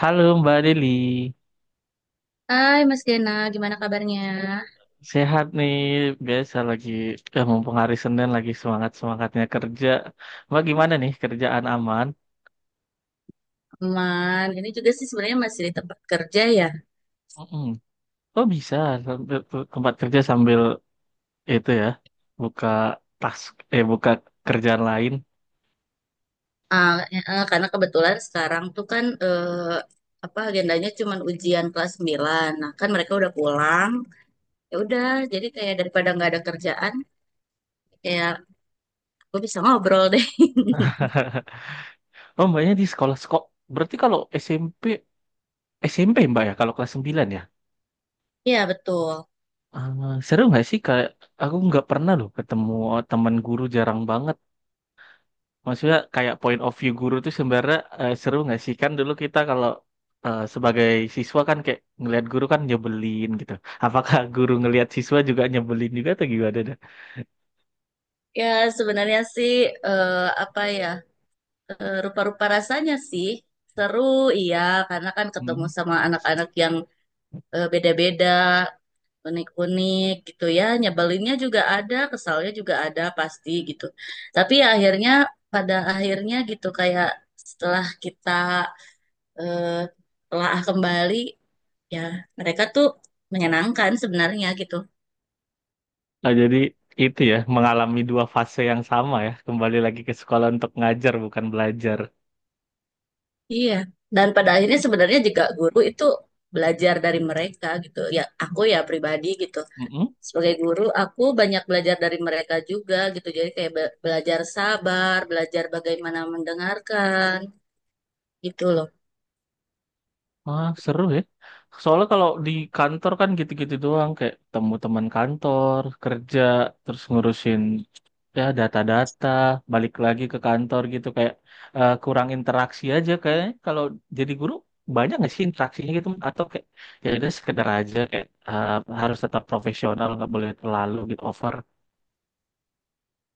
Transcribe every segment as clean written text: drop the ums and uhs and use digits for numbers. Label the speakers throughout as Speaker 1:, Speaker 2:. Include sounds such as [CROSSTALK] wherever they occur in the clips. Speaker 1: Halo Mbak Deli,
Speaker 2: Hai Mas Gena, gimana kabarnya?
Speaker 1: sehat nih. Biasa lagi, ya mumpung hari Senin lagi semangat-semangatnya kerja. Mbak gimana nih kerjaan aman?
Speaker 2: Aman. Ini juga sih sebenarnya masih di tempat kerja ya.
Speaker 1: Mm-mm. Oh bisa, sambil ke tempat kerja sambil itu ya, buka tas, eh buka kerjaan lain.
Speaker 2: Karena kebetulan sekarang tuh kan apa agendanya cuman ujian kelas 9. Nah, kan mereka udah pulang. Ya udah, jadi kayak daripada nggak ada kerjaan, kayak gue bisa ngobrol deh. [LAUGHS]
Speaker 1: [LAUGHS] Oh Mbaknya di sekolah sekolah, berarti kalau SMP, SMP Mbak ya, kalau kelas 9 ya?
Speaker 2: Iya, betul.
Speaker 1: Ah, seru nggak sih? Kayak aku nggak pernah loh ketemu teman guru, jarang banget. Maksudnya kayak point of view guru tuh sebenarnya seru nggak sih? Kan dulu kita kalau sebagai siswa kan kayak ngelihat guru kan nyebelin gitu. Apakah [LAUGHS] guru ngelihat siswa juga nyebelin juga atau gimana dah?
Speaker 2: Ya, sebenarnya sih eh, apa ya? Rupa-rupa rasanya sih seru, iya, karena kan ketemu
Speaker 1: Hmm.
Speaker 2: sama anak-anak yang beda-beda, unik-unik gitu ya, nyebelinnya juga ada, kesalnya juga ada pasti gitu, tapi ya akhirnya pada akhirnya gitu kayak setelah kita eh, telah kembali, ya mereka tuh menyenangkan sebenarnya gitu.
Speaker 1: Nah, jadi itu ya mengalami dua fase yang sama ya. Kembali lagi ke sekolah untuk ngajar bukan belajar.
Speaker 2: Iya, dan pada akhirnya sebenarnya juga guru itu belajar dari mereka gitu, ya aku ya pribadi gitu, sebagai guru aku banyak belajar dari mereka juga gitu, jadi kayak belajar sabar, belajar bagaimana mendengarkan gitu loh.
Speaker 1: Ah, seru ya. Soalnya kalau di kantor kan gitu-gitu doang, kayak temu teman kantor, kerja, terus ngurusin ya data-data, balik lagi ke kantor gitu kayak kurang interaksi aja kayaknya. Kalau jadi guru banyak nggak sih interaksinya gitu atau kayak ya udah sekedar aja kayak harus tetap profesional, nggak boleh terlalu gitu over.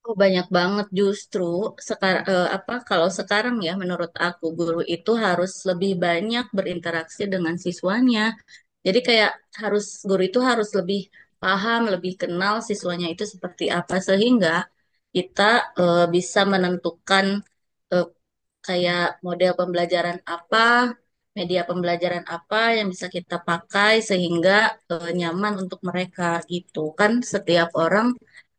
Speaker 2: Oh, banyak banget justru sekarang, apa kalau sekarang ya menurut aku guru itu harus lebih banyak berinteraksi dengan siswanya. Jadi kayak harus guru itu harus lebih paham, lebih kenal siswanya itu seperti apa, sehingga kita bisa menentukan eh, kayak model pembelajaran apa, media pembelajaran apa yang bisa kita pakai sehingga nyaman untuk mereka gitu. Kan setiap orang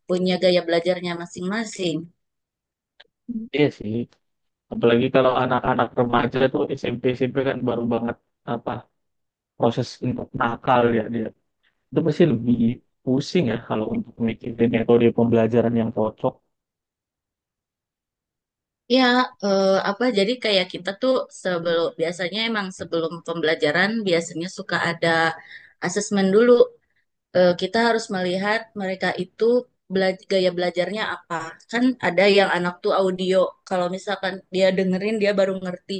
Speaker 2: punya gaya belajarnya masing-masing.
Speaker 1: Iya sih. Apalagi kalau anak-anak remaja tuh SMP SMP kan baru banget apa proses untuk nakal ya dia. Itu pasti lebih pusing ya kalau untuk mikirin metode pembelajaran yang cocok.
Speaker 2: Ya, apa jadi kayak kita tuh sebelum biasanya emang sebelum pembelajaran biasanya suka ada asesmen dulu. Eh, kita harus melihat mereka itu gaya belajarnya apa. Kan ada yang anak tuh audio, kalau misalkan dia dengerin dia baru ngerti.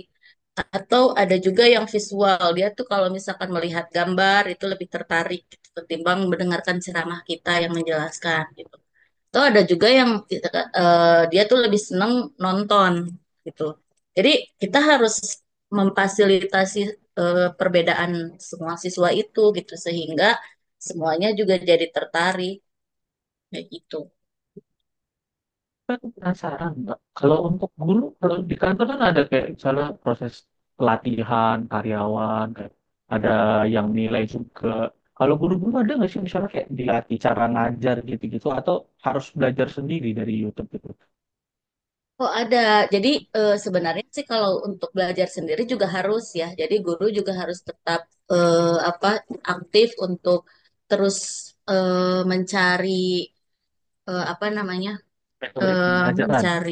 Speaker 2: Atau ada juga yang visual, dia tuh kalau misalkan melihat gambar itu lebih tertarik gitu, ketimbang mendengarkan ceramah kita yang menjelaskan gitu. Atau ada juga yang dia tuh lebih seneng nonton gitu. Jadi kita harus memfasilitasi perbedaan semua siswa itu gitu sehingga semuanya juga jadi tertarik kayak gitu.
Speaker 1: Tapi aku penasaran, Mbak. Kalau untuk guru, kalau di kantor kan ada kayak misalnya proses pelatihan karyawan, kayak ada yang nilai juga. Kalau guru-guru ada nggak sih misalnya kayak dilatih cara ngajar gitu-gitu atau harus belajar sendiri dari YouTube gitu?
Speaker 2: Oh ada, jadi sebenarnya sih kalau untuk belajar sendiri juga harus ya. Jadi guru juga harus tetap eh, apa aktif untuk terus eh, mencari apa namanya
Speaker 1: Metode
Speaker 2: eh
Speaker 1: pembelajaran.
Speaker 2: mencari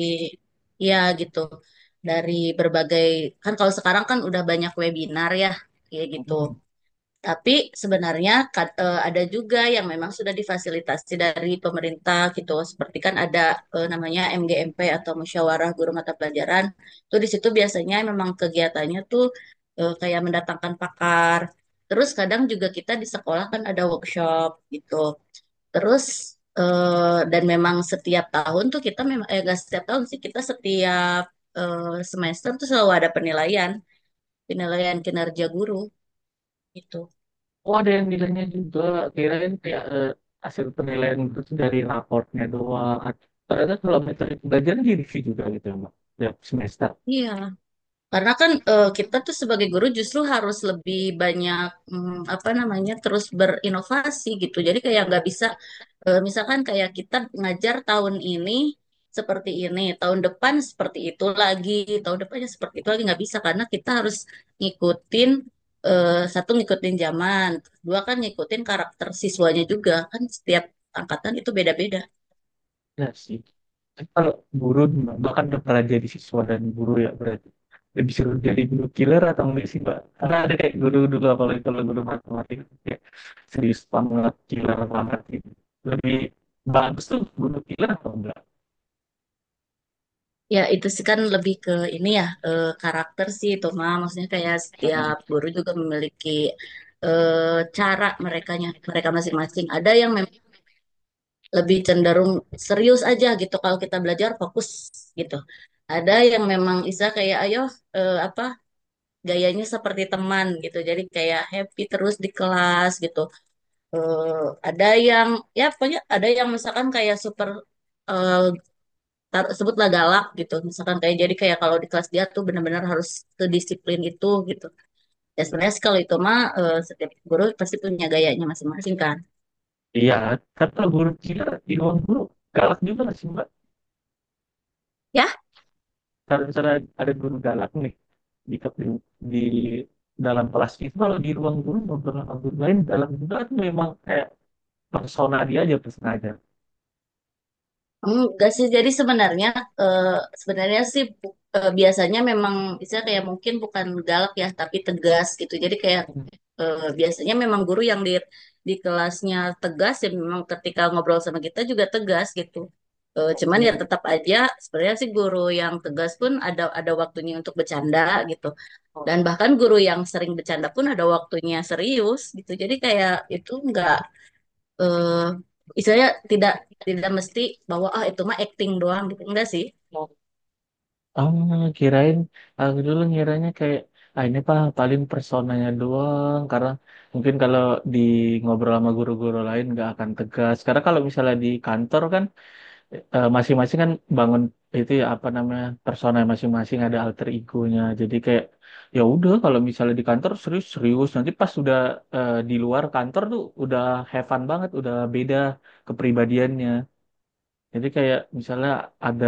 Speaker 2: ya gitu dari berbagai, kan kalau sekarang kan udah banyak webinar ya kayak gitu. Tapi sebenarnya ada juga yang memang sudah difasilitasi dari pemerintah gitu. Seperti kan ada namanya MGMP atau Musyawarah Guru Mata Pelajaran. Tuh di situ biasanya memang kegiatannya tuh kayak mendatangkan pakar. Terus kadang juga kita di sekolah kan ada workshop gitu. Terus dan memang setiap tahun tuh kita memang eh gak setiap tahun sih kita setiap eh, semester tuh selalu ada penilaian, penilaian kinerja guru gitu.
Speaker 1: Oh, ada yang nilainya juga. Kirain kayak hasil penilaian itu tuh dari raportnya doang. Ternyata kalau metode pembelajaran direview juga gitu ya, Mbak. Tiap semester.
Speaker 2: Iya. Karena kan kita tuh sebagai guru justru harus lebih banyak apa namanya terus berinovasi gitu. Jadi kayak nggak bisa misalkan kayak kita ngajar tahun ini seperti ini, tahun depan seperti itu lagi, tahun depannya seperti itu lagi nggak bisa karena kita harus ngikutin satu ngikutin zaman, dua kan ngikutin karakter siswanya juga kan setiap angkatan itu beda-beda.
Speaker 1: Ya sih. Tapi kalau guru gimana? Bahkan udah pernah jadi siswa dan guru ya berarti. Lebih seru jadi guru killer atau enggak sih, Mbak? Karena ada kayak guru dulu, apalagi kalau guru matematika. Kayak serius banget, killer banget gitu. Lebih bagus tuh guru killer atau enggak?
Speaker 2: Ya, itu sih kan lebih ke ini ya, karakter sih itu mah. Maksudnya kayak
Speaker 1: Hmm.
Speaker 2: setiap guru juga memiliki eh, cara merekanya, mereka masing-masing. Ada yang memang lebih cenderung serius aja gitu kalau kita belajar fokus gitu. Ada yang memang Isa kayak ayo apa gayanya seperti teman gitu. Jadi kayak happy terus di kelas gitu. Eh, ada yang ya pokoknya ada yang misalkan kayak super eh, taruh sebutlah galak gitu misalkan kayak jadi kayak kalau di kelas dia tuh benar-benar harus sedisiplin itu gitu, ya sebenarnya sih kalau itu mah setiap guru pasti punya gayanya masing-masing kan,
Speaker 1: Iya, kata guru killer di ruang guru galak juga nggak sih, Mbak?
Speaker 2: ya.
Speaker 1: Kalau misalnya ada guru galak nih di di dalam kelas itu kalau di ruang guru beberapa guru lain dalam juga itu memang kayak persona dia aja sengaja.
Speaker 2: Enggak sih, jadi sebenarnya eh, sebenarnya sih biasanya memang bisa kayak mungkin bukan galak ya, tapi tegas gitu. Jadi kayak biasanya memang guru yang di kelasnya tegas ya memang ketika ngobrol sama kita juga tegas gitu. Eh, cuman ya tetap aja sebenarnya sih guru yang tegas pun ada waktunya untuk bercanda gitu. Dan bahkan guru yang sering bercanda pun ada waktunya serius gitu. Jadi kayak itu enggak eh istilahnya tidak tidak mesti bahwa ah itu mah acting doang gitu. Enggak sih.
Speaker 1: Oh, kirain aku dulu ngiranya kayak ah ini pak paling personanya doang karena mungkin kalau di ngobrol sama guru-guru lain nggak akan tegas karena kalau misalnya di kantor kan masing-masing kan bangun itu ya apa namanya persona masing-masing ada alter egonya jadi kayak ya udah kalau misalnya di kantor serius serius nanti pas udah di luar kantor tuh udah have fun banget udah beda kepribadiannya jadi kayak misalnya ada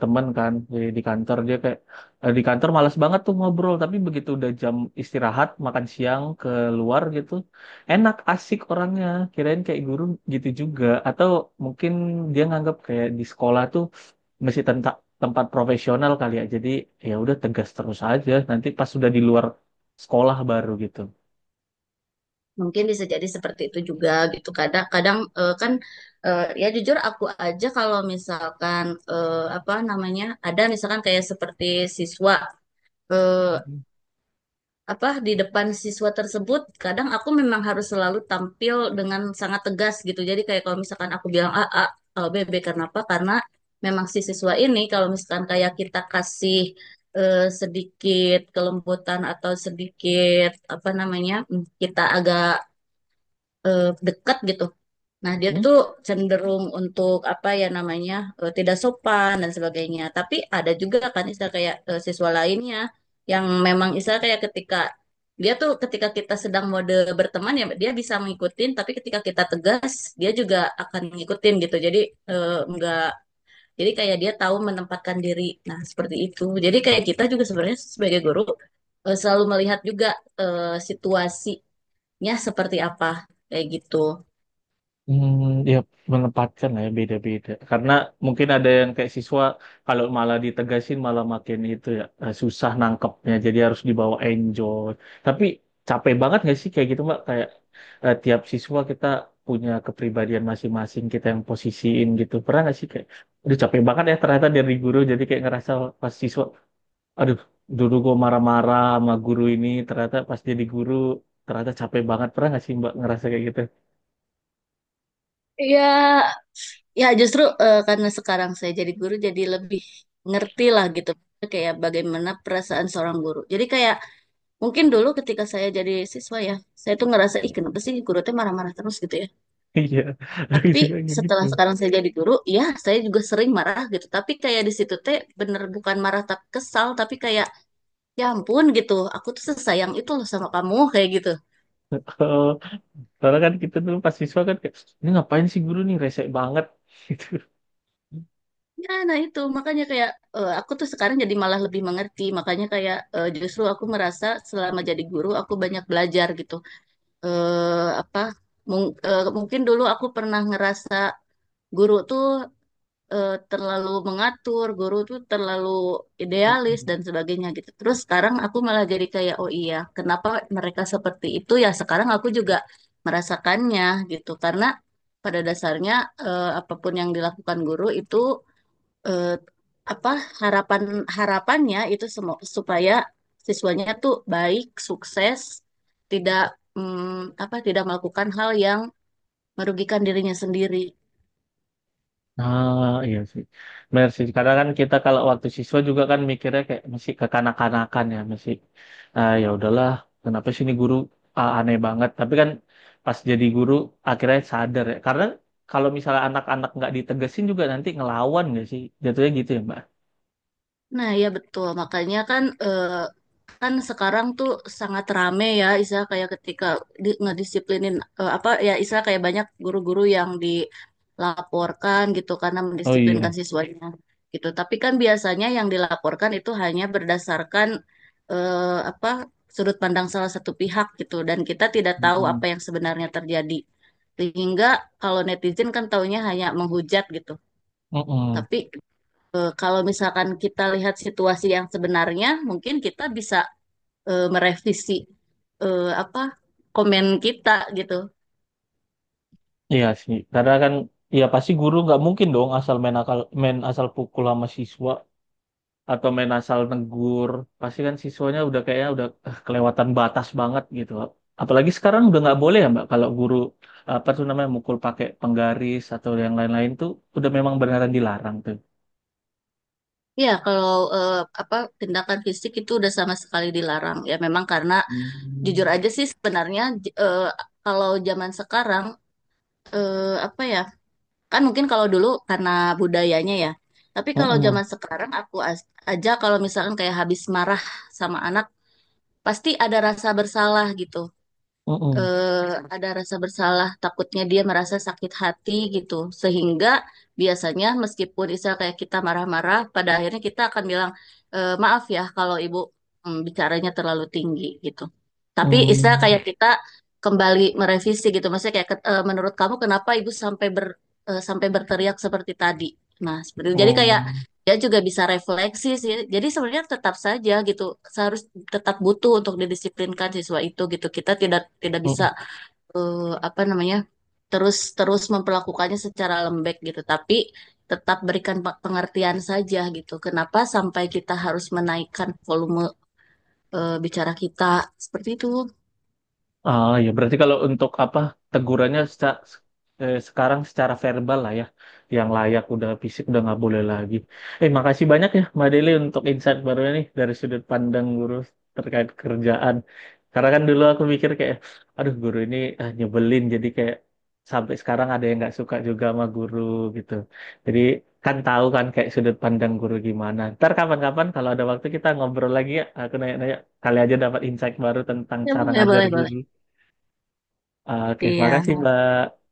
Speaker 1: teman kan di kantor dia kayak di kantor malas banget tuh ngobrol tapi begitu udah jam istirahat makan siang keluar gitu enak asik orangnya kirain kayak guru gitu juga atau mungkin dia nganggap kayak di sekolah tuh masih tempat profesional kali ya jadi ya udah tegas terus aja nanti pas sudah di luar sekolah baru gitu.
Speaker 2: Mungkin bisa jadi seperti itu juga gitu. Kadang-kadang kan ya jujur aku aja kalau misalkan apa namanya ada misalkan kayak seperti siswa eh,
Speaker 1: Mhm.
Speaker 2: apa di depan siswa tersebut kadang aku memang harus selalu tampil dengan sangat tegas gitu jadi kayak kalau misalkan aku bilang A A kalau B B kenapa karena memang si siswa ini kalau misalkan kayak kita kasih sedikit kelembutan atau sedikit apa namanya kita agak deket gitu. Nah, dia tuh cenderung untuk apa ya namanya tidak sopan dan sebagainya. Tapi ada juga kan istilah kayak siswa lainnya yang memang istilah kayak ketika dia tuh ketika kita sedang mode berteman ya dia bisa ngikutin, tapi ketika kita tegas dia juga akan ngikutin gitu. Jadi enggak, jadi kayak dia tahu menempatkan diri. Nah, seperti itu. Jadi kayak kita juga sebenarnya sebagai guru selalu melihat juga situasinya seperti apa kayak gitu.
Speaker 1: Hmm, ya menempatkan lah ya beda-beda. Karena mungkin ada yang kayak siswa kalau malah ditegasin malah makin itu ya susah nangkepnya. Jadi harus dibawa enjoy. Tapi capek banget nggak sih kayak gitu Mbak? Kayak tiap siswa kita punya kepribadian masing-masing kita yang posisiin gitu. Pernah nggak sih kayak, aduh capek banget ya ternyata dari guru jadi kayak ngerasa pas siswa, aduh dulu gue marah-marah sama guru ini ternyata pas jadi guru ternyata capek banget. Pernah nggak sih Mbak ngerasa kayak gitu?
Speaker 2: Iya, ya justru karena sekarang saya jadi guru jadi lebih ngerti lah gitu, kayak bagaimana perasaan seorang guru. Jadi kayak mungkin dulu ketika saya jadi siswa ya, saya tuh ngerasa ih kenapa sih guru tuh marah-marah terus gitu ya.
Speaker 1: Iya, tapi
Speaker 2: Tapi
Speaker 1: juga kayak gitu.
Speaker 2: setelah sekarang saya jadi guru, ya saya juga sering marah gitu. Tapi kayak di situ teh bener bukan marah tapi kesal, tapi kayak ya ampun gitu. Aku tuh sesayang itu loh sama kamu kayak gitu.
Speaker 1: Kalau soalnya kan kita dulu pas siswa kan kayak, ini ngapain sih guru nih rese banget [LAUGHS] gitu.
Speaker 2: Ya, nah itu makanya kayak aku tuh sekarang jadi malah lebih mengerti. Makanya kayak justru aku merasa selama jadi guru aku banyak belajar gitu. Eh apa mungkin dulu aku pernah ngerasa guru tuh terlalu mengatur, guru tuh terlalu idealis
Speaker 1: Mm-mm.
Speaker 2: dan sebagainya gitu. Terus sekarang aku malah jadi kayak oh iya, kenapa mereka seperti itu ya? Sekarang aku juga merasakannya gitu. Karena pada dasarnya apapun yang dilakukan guru itu eh, apa harapan harapannya itu semua supaya siswanya tuh baik, sukses, tidak apa tidak melakukan hal yang merugikan dirinya sendiri.
Speaker 1: Nah, iya sih. Benar sih. Karena kan kita kalau waktu siswa juga kan mikirnya kayak masih kekanak-kanakan ya, masih ah, ya udahlah, kenapa sih ini guru ah, aneh banget. Tapi kan pas jadi guru akhirnya sadar ya. Karena kalau misalnya anak-anak nggak ditegesin juga nanti ngelawan nggak sih? Jatuhnya gitu ya, Mbak.
Speaker 2: Nah, ya betul. Makanya kan kan sekarang tuh sangat rame ya, Isa kayak ketika di, ngedisiplinin apa ya Isa kayak banyak guru-guru yang dilaporkan gitu karena
Speaker 1: Oh
Speaker 2: mendisiplinkan
Speaker 1: iya.
Speaker 2: siswanya gitu. Tapi kan biasanya yang dilaporkan itu hanya berdasarkan apa sudut pandang salah satu pihak gitu dan kita tidak tahu apa
Speaker 1: Mm-mm.
Speaker 2: yang sebenarnya terjadi. Sehingga kalau netizen kan taunya hanya menghujat gitu.
Speaker 1: Mm-mm.
Speaker 2: Tapi eh, kalau misalkan kita lihat situasi yang sebenarnya, mungkin kita bisa merevisi apa komen kita gitu.
Speaker 1: Iya sih, karena kan ya pasti guru nggak mungkin dong asal main akal main asal pukul sama siswa atau main asal negur. Pasti kan siswanya udah kayaknya udah kelewatan batas banget gitu. Apalagi sekarang udah nggak boleh ya Mbak kalau guru apa tuh namanya mukul pakai penggaris atau yang lain-lain tuh udah memang beneran dilarang tuh.
Speaker 2: Ya, kalau eh, apa tindakan fisik itu udah sama sekali dilarang. Ya, memang karena jujur
Speaker 1: Hmm.
Speaker 2: aja sih sebenarnya kalau zaman sekarang apa ya? Kan mungkin kalau dulu karena budayanya ya. Tapi kalau
Speaker 1: Mm-mm.
Speaker 2: zaman sekarang aku aja kalau misalkan kayak habis marah sama anak, pasti ada rasa bersalah gitu.
Speaker 1: Mm-mm.
Speaker 2: eh, ada rasa bersalah, takutnya dia merasa sakit hati gitu. Sehingga biasanya meskipun misal kayak kita marah-marah, pada akhirnya kita akan bilang, "Eh, maaf ya kalau ibu bicaranya terlalu tinggi gitu. Tapi istilah
Speaker 1: Mm.
Speaker 2: kayak kita kembali merevisi gitu. Maksudnya kayak " menurut kamu kenapa ibu sampai sampai berteriak seperti tadi? Nah, seperti itu. Jadi
Speaker 1: Oh.
Speaker 2: kayak dia juga bisa refleksi sih. Jadi sebenarnya tetap saja gitu. Seharus tetap butuh untuk didisiplinkan siswa itu gitu. Kita tidak tidak bisa apa namanya terus terus memperlakukannya secara lembek gitu. Tapi tetap berikan pengertian saja gitu. Kenapa sampai kita harus menaikkan volume bicara kita seperti itu?
Speaker 1: Ah ya berarti kalau untuk apa tegurannya sekarang secara verbal lah ya, yang layak udah fisik udah nggak boleh lagi. Makasih banyak ya Mbak Deli untuk insight barunya nih dari sudut pandang guru terkait kerjaan. Karena kan dulu aku mikir kayak, aduh guru ini ah, nyebelin jadi kayak sampai sekarang ada yang nggak suka juga sama guru gitu. Jadi kan tahu kan kayak sudut pandang guru gimana. Ntar kapan-kapan kalau ada waktu kita ngobrol lagi ya, aku nanya-nanya kali aja dapat insight baru tentang
Speaker 2: Ya,
Speaker 1: cara
Speaker 2: boleh
Speaker 1: ngajar
Speaker 2: boleh boleh.
Speaker 1: guru. Oke, makasih
Speaker 2: Iya.
Speaker 1: Mbak.